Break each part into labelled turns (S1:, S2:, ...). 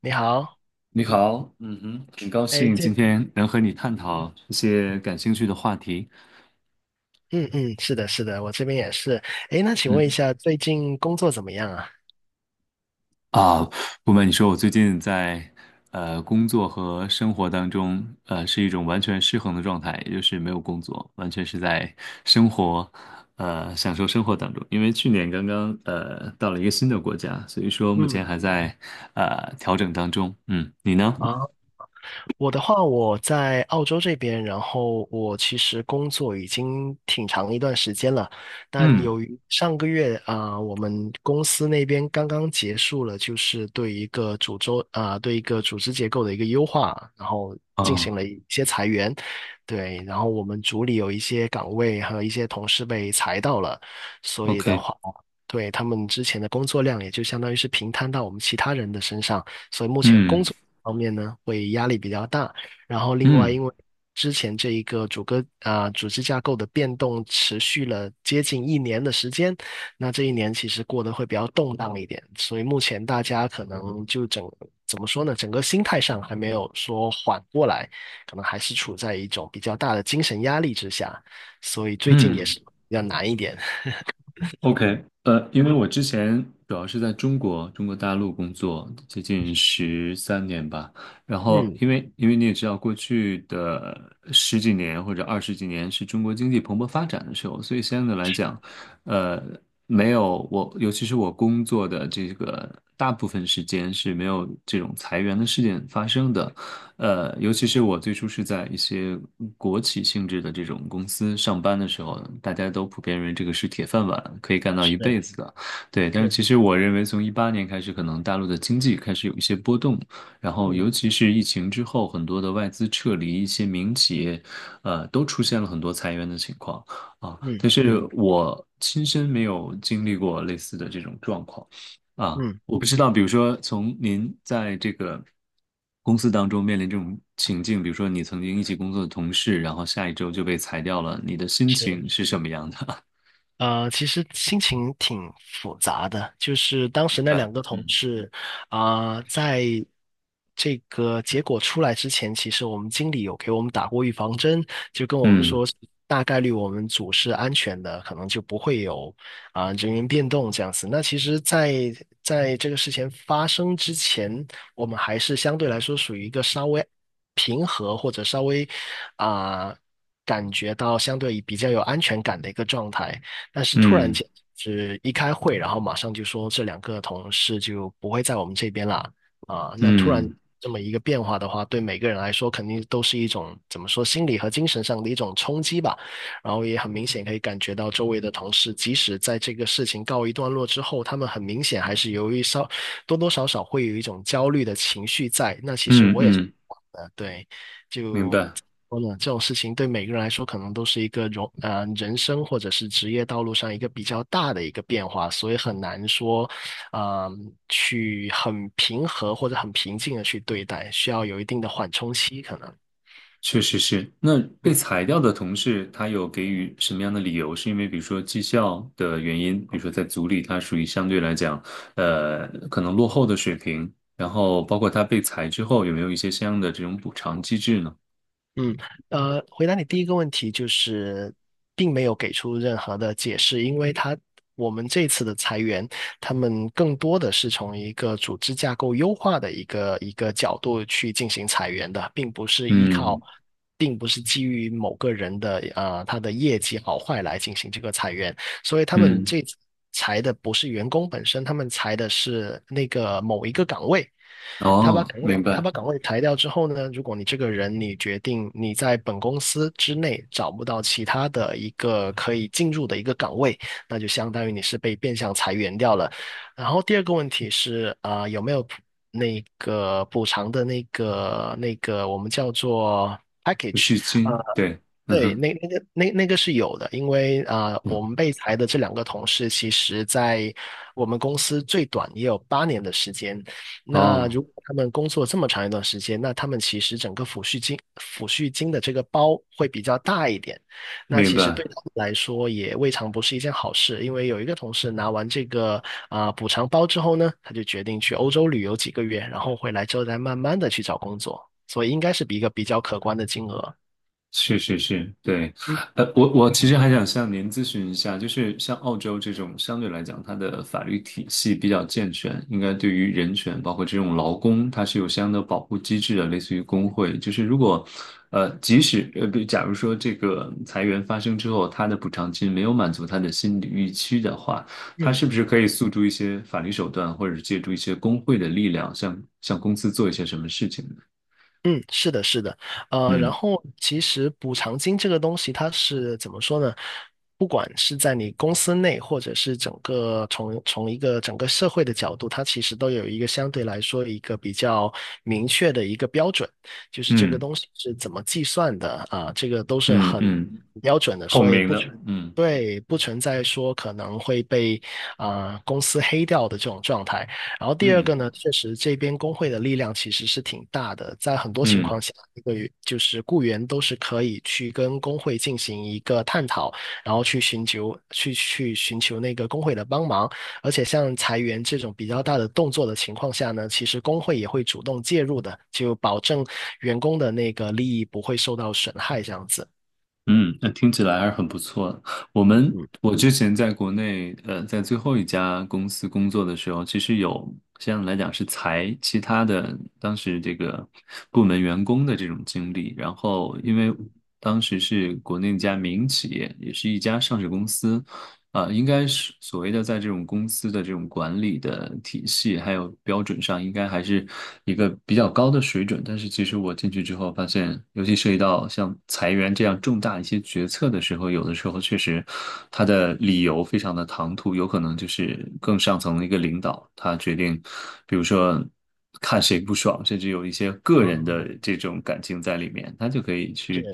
S1: 你好，
S2: 你好，嗯哼，很高
S1: 哎，
S2: 兴
S1: 这，
S2: 今天能和你探讨一些感兴趣的话题。
S1: 嗯嗯，是的，是的，我这边也是。哎，那请问一
S2: 嗯
S1: 下，最近工作怎么样啊？
S2: 啊，不瞒你说，我最近在工作和生活当中，是一种完全失衡的状态，也就是没有工作，完全是在生活，享受生活当中。因为去年刚刚到了一个新的国家，所以说目前
S1: 嗯，
S2: 还在调整当中。嗯，你呢？
S1: 啊。我的话，我在澳洲这边，然后我其实工作已经挺长一段时间了，但
S2: 嗯，
S1: 由于上个月我们公司那边刚刚结束了，就是对一个组织啊、对一个组织结构的一个优化，然后进行
S2: 哦
S1: 了一些裁员，对，然后我们组里有一些岗位和一些同事被裁到了，所以的
S2: ，OK，
S1: 话。对，他们之前的工作量也就相当于是平摊到我们其他人的身上，所以目前
S2: 嗯
S1: 工作方面呢会压力比较大。然后另外，因
S2: 嗯
S1: 为之前这一个主歌组织架构的变动持续了接近一年的时间，那这一年其实过得会比较动荡一点，所以目前大家可能就怎么说呢，整个心态上还没有说缓过来，可能还是处在一种比较大的精神压力之下，所以最近也
S2: 嗯。
S1: 是比较难一点。
S2: OK，因为
S1: 嗯
S2: 我之前主要是在中国大陆工作，接近13年吧。然后，
S1: 嗯，
S2: 因为你也知道，过去的十几年或者二十几年是中国经济蓬勃发展的时候，所以相对来讲，呃，没有我，尤其是我工作的这个大部分时间是没有这种裁员的事件发生的。尤其是我最初是在一些国企性质的这种公司上班的时候，大家都普遍认为这个是铁饭碗，可以干到一
S1: 是
S2: 辈子的。对，但是
S1: 是，
S2: 其实我认为，从18年开始，可能大陆的经济开始有一些波动，然后
S1: 嗯
S2: 尤其是疫情之后，很多的外资撤离，一些民企业，都出现了很多裁员的情况啊。
S1: 嗯
S2: 但是我亲身没有经历过类似的这种状况。啊，
S1: 嗯，
S2: 我不知道，比如说从您在这个公司当中面临这种情境，比如说你曾经一起工作的同事，然后下一周就被裁掉了，你的心
S1: 是。
S2: 情是什么样的？
S1: 呃，其实心情挺复杂的，就是 当
S2: 明
S1: 时那
S2: 白。
S1: 两个同
S2: 嗯
S1: 事，在这个结果出来之前，其实我们经理有给我们打过预防针，就跟我们
S2: 嗯
S1: 说，大概率我们组是安全的，可能就不会有人员变动这样子。那其实在这个事情发生之前，我们还是相对来说属于一个稍微平和或者稍微啊、感觉到相对比较有安全感的一个状态。但是突然
S2: 嗯
S1: 间是一开会，然后马上就说这两个同事就不会在我们这边啦。啊，那突然
S2: 嗯
S1: 这么一个变化的话，对每个人来说肯定都是一种怎么说，心理和精神上的一种冲击吧。然后也很明显可以感觉到周围的同事，即使在这个事情告一段落之后，他们很明显还是由于多多少少会有一种焦虑的情绪在。那其实
S2: 嗯
S1: 我也是
S2: 嗯，
S1: 呃，对，
S2: 明
S1: 就
S2: 白。
S1: 说呢，这种事情对每个人来说，可能都是一个人生或者是职业道路上一个比较大的一个变化，所以很难说，呃，去很平和或者很平静的去对待，需要有一定的缓冲期，可能。
S2: 确实是。那被裁掉的同事，他有给予什么样的理由？是因为比如说绩效的原因，比如说在组里他属于相对来讲，可能落后的水平，然后包括他被裁之后，有没有一些相应的这种补偿机制呢？
S1: 嗯，回答你第一个问题就是，并没有给出任何的解释，因为我们这次的裁员，他们更多的是从一个组织架构优化的一个角度去进行裁员的，
S2: 嗯
S1: 并不是基于某个人的他的业绩好坏来进行这个裁员，所以他们
S2: 嗯，
S1: 这次裁的不是员工本身，他们裁的是那个某一个岗位。他把
S2: 哦，
S1: 岗位
S2: 明
S1: 他
S2: 白，
S1: 把岗位裁掉之后呢，如果你这个人你决定你在本公司之内找不到其他的一个可以进入的一个岗位，那就相当于你是被变相裁员掉了。然后第二个问题是有没有那个补偿的那个我们叫做
S2: 有
S1: package?
S2: 续
S1: 呃，
S2: 金，对，嗯
S1: 对，
S2: 哼，
S1: 那那个是有的，因为
S2: 嗯
S1: 我们被裁的这两个同事，其实在我们公司最短也有8年的时间，那
S2: 哦，
S1: 如果他们工作这么长一段时间，那他们其实整个抚恤金的这个包会比较大一点。那
S2: 明
S1: 其实对
S2: 白。
S1: 他们来说也未尝不是一件好事，因为有一个同事拿完这个补偿包之后呢，他就决定去欧洲旅游几个月，然后回来之后再慢慢的去找工作，所以应该是比一个比较可观的金额。
S2: 是是是，对，
S1: 嗯
S2: 我其实还想向您咨询一下，就是像澳洲这种相对来讲，它的法律体系比较健全，应该对于人权，包括这种劳工，它是有相应的保护机制的，类似于工会。就是如果，即使比假如说这个裁员发生之后，他的补偿金没有满足他的心理预期的话，他
S1: 嗯
S2: 是不
S1: 嗯。
S2: 是可以诉诸一些法律手段，或者是借助一些工会的力量，向公司做一些什么事情呢？
S1: 嗯，是的，是的，然
S2: 嗯
S1: 后其实补偿金这个东西，它是怎么说呢？不管是在你公司内，或者是整个从一个整个社会的角度，它其实都有一个相对来说一个比较明确的一个标准，就是这个
S2: 嗯
S1: 东西是怎么计算的啊，这个都是
S2: 嗯
S1: 很
S2: 嗯。
S1: 很标准的，
S2: 透
S1: 所以
S2: 明
S1: 不
S2: 的，
S1: 存
S2: 嗯
S1: 对，不存在说可能会被公司黑掉的这种状态。然后第二
S2: 嗯，
S1: 个呢，确实这边工会的力量其实是挺大的，在很多情
S2: 嗯
S1: 况下，就是雇员都是可以去跟工会进行一个探讨，然后去寻求那个工会的帮忙。而且像裁员这种比较大的动作的情况下呢，其实工会也会主动介入的，就保证员工的那个利益不会受到损害，这样子。
S2: 嗯，那听起来还是很不错的。我们
S1: 嗯，
S2: 我之前在国内，在最后一家公司工作的时候，其实有相对来讲是裁其他的当时这个部门员工的这种经历。然后因为当时是国内一家民营企业，也是一家上市公司，啊，应该是所谓的在这种公司的这种管理的体系还有标准上，应该还是一个比较高的水准。但是其实我进去之后发现，尤其涉及到像裁员这样重大一些决策的时候，有的时候确实他的理由非常的唐突，有可能就是更上层的一个领导他决定，比如说看谁不爽，甚至有一些个
S1: 啊，
S2: 人的这种感情在里面，他就可以去。
S1: 是，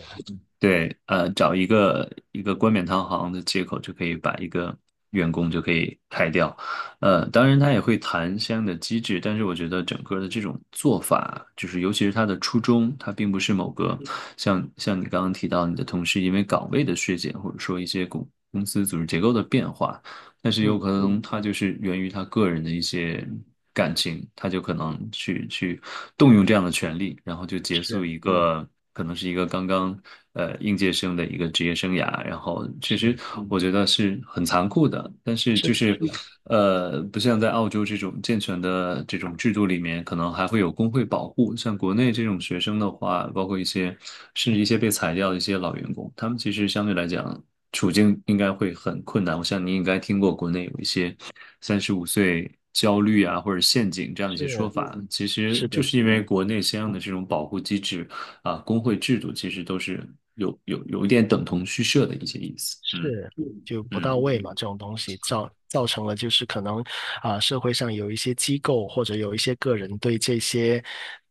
S2: 对，找一个冠冕堂皇的借口就可以把一个员工就可以开掉，当然他也会谈相应的机制，但是我觉得整个的这种做法，就是尤其是他的初衷，他并不是某个像你刚刚提到你的同事因为岗位的削减，或者说一些公司组织结构的变化，但是有
S1: 嗯，
S2: 可
S1: 嗯
S2: 能他就是源于他个人的一些感情，他就可能去动用这样的权利，然后就结束
S1: 是
S2: 一个可能是一个刚刚应届生的一个职业生涯。然后其实
S1: 是
S2: 我觉得是很残酷的，但是
S1: 是
S2: 就
S1: 的，
S2: 是
S1: 是的，
S2: 不像在澳洲这种健全的这种制度里面，可能还会有工会保护。像国内这种学生的话，包括一些甚至一些被裁掉的一些老员工，他们其实相对来讲，处境应该会很困难。我想你应该听过国内有一些35岁焦虑啊，或者陷阱这样的一些说
S1: 是
S2: 法。其实
S1: 是
S2: 就
S1: 的，
S2: 是
S1: 是
S2: 因为
S1: 的。
S2: 国内相应的这种保护机制啊，工会制度其实都是有一点等同虚设的一些意思。嗯
S1: 是，就不
S2: 嗯
S1: 到位嘛，
S2: 嗯
S1: 这种东西造成了就是可能社会上有一些机构或者有一些个人对这些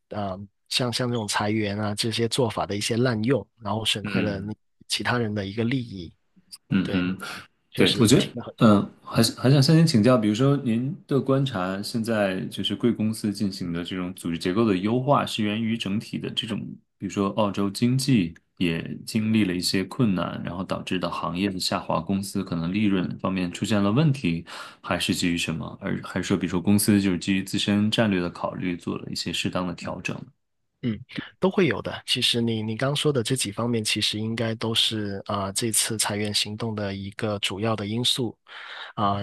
S1: 呃像这种裁员啊这些做法的一些滥用，然后损害了
S2: 嗯
S1: 你其他人的一个利益。
S2: 嗯
S1: 对，
S2: 哼。
S1: 确
S2: 对，我
S1: 实
S2: 觉得，
S1: 听了很多。
S2: 还是想向您请教，比如说您的观察，现在就是贵公司进行的这种组织结构的优化，是源于整体的这种，比如说澳洲经济也经历了一些困难，然后导致的行业的下滑，公司可能利润方面出现了问题，还是基于什么？而还是说，比如说公司就是基于自身战略的考虑，做了一些适当的调整？
S1: 嗯，都会有的。其实你刚说的这几方面，其实应该都是这次裁员行动的一个主要的因素啊、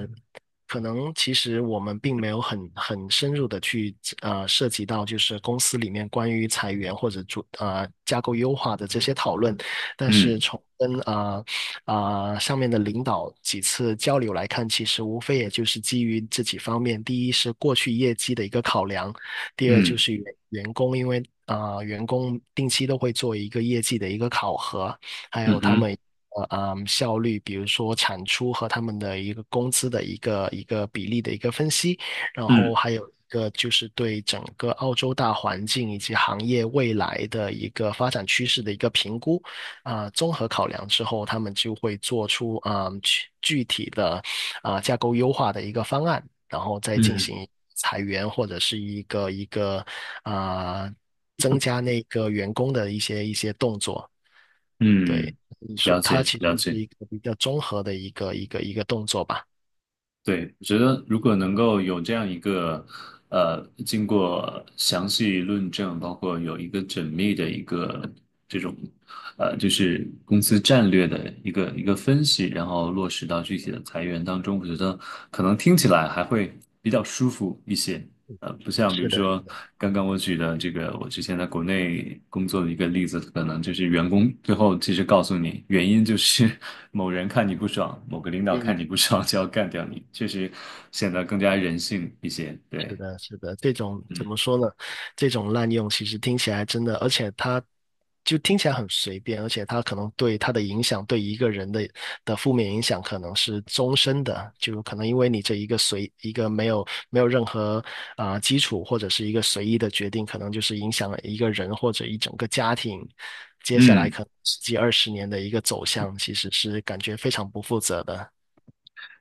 S1: 可能其实我们并没有很深入的去涉及到就是公司里面关于裁员或者做架构优化的这些讨论，但是
S2: 嗯
S1: 从跟上面的领导几次交流来看，其实无非也就是基于这几方面，第一是过去业绩的一个考量，第二就
S2: 嗯
S1: 是员工因为员工定期都会做一个业绩的一个考核，还
S2: 嗯
S1: 有他
S2: 哼
S1: 们效率，比如说产出和他们的一个工资的一个比例的一个分析，然后
S2: 嗯
S1: 还有一个就是对整个澳洲大环境以及行业未来的一个发展趋势的一个评估啊，综合考量之后，他们就会做出具体的架构优化的一个方案，然后再进
S2: 嗯
S1: 行。裁员或者是一个啊、增加那个员工的一些动作。对，
S2: 嗯，
S1: 你说
S2: 了
S1: 它
S2: 解
S1: 其实
S2: 了
S1: 是
S2: 解。
S1: 一个比较综合的一个动作吧。
S2: 对，我觉得如果能够有这样一个，经过详细论证，包括有一个缜密的一个这种，就是公司战略的一个分析，然后落实到具体的裁员当中，我觉得可能听起来还会比较舒服一些。不像比如
S1: 是的，
S2: 说刚刚我举的这个，我之前在国内工作的一个例子，可能就是员工最后其实告诉你，原因就是 某人看你不爽，某个领导看
S1: 嗯，
S2: 你不爽就要干掉你，确实显得更加人性一些。
S1: 是
S2: 对，
S1: 的，是的，这种
S2: 嗯
S1: 怎么说呢？这种滥用其实听起来真的，而且它就听起来很随便，而且它可能对它的影响，对一个人的负面影响可能是终身的，就可能因为你这一个一个没有任何基础或者是一个随意的决定，可能就是影响了一个人或者一整个家庭，接下来
S2: 嗯。
S1: 可能十几二十年的一个走向，其实是感觉非常不负责的。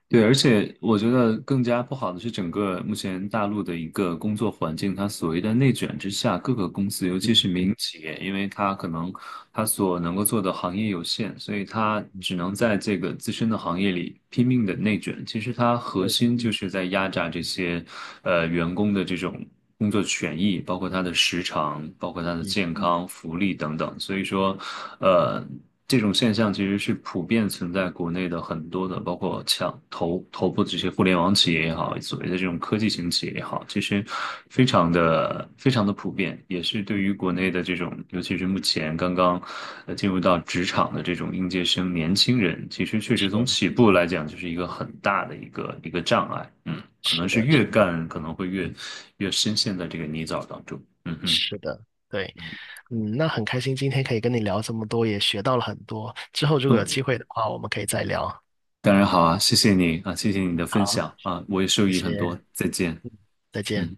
S2: 对，而且我觉得更加不好的是，整个目前大陆的一个工作环境，它所谓的内卷之下，各个公司，尤其
S1: 嗯
S2: 是民营企业，因为它可能它所能够做的行业有限，所以它
S1: 嗯
S2: 只能在这个自身的行业里拼命的内卷。其实它核
S1: 嗯
S2: 心就是在压榨这些员工的这种，工作权益，包括他的时长，包括他的
S1: 嗯
S2: 健康、福利等等。所以说，呃，这种现象其实是普遍存在国内的很多的，包括像头部的这些互联网企业也好，所谓的这种科技型企业也好，其实非常的非常的普遍，也是对
S1: 嗯，
S2: 于国内的这种，尤其是目前刚刚进入到职场的这种应届生年轻人，其实确实从
S1: 是
S2: 起步来讲，就是一个很大的一个障碍。嗯。可能
S1: 是
S2: 是
S1: 的，
S2: 越
S1: 是的。
S2: 干可能会越深陷在这个泥沼当中。嗯哼，
S1: 是的，对，
S2: 嗯
S1: 嗯，那很开心今天可以跟你聊这么多，也学到了很多。之后如果有
S2: 嗯，
S1: 机会的话，我们可以再聊。
S2: 当然好啊，谢谢你啊，谢谢你的分
S1: 好，
S2: 享啊，我也受
S1: 谢
S2: 益很多，
S1: 谢，
S2: 再见。
S1: 再见。
S2: 嗯。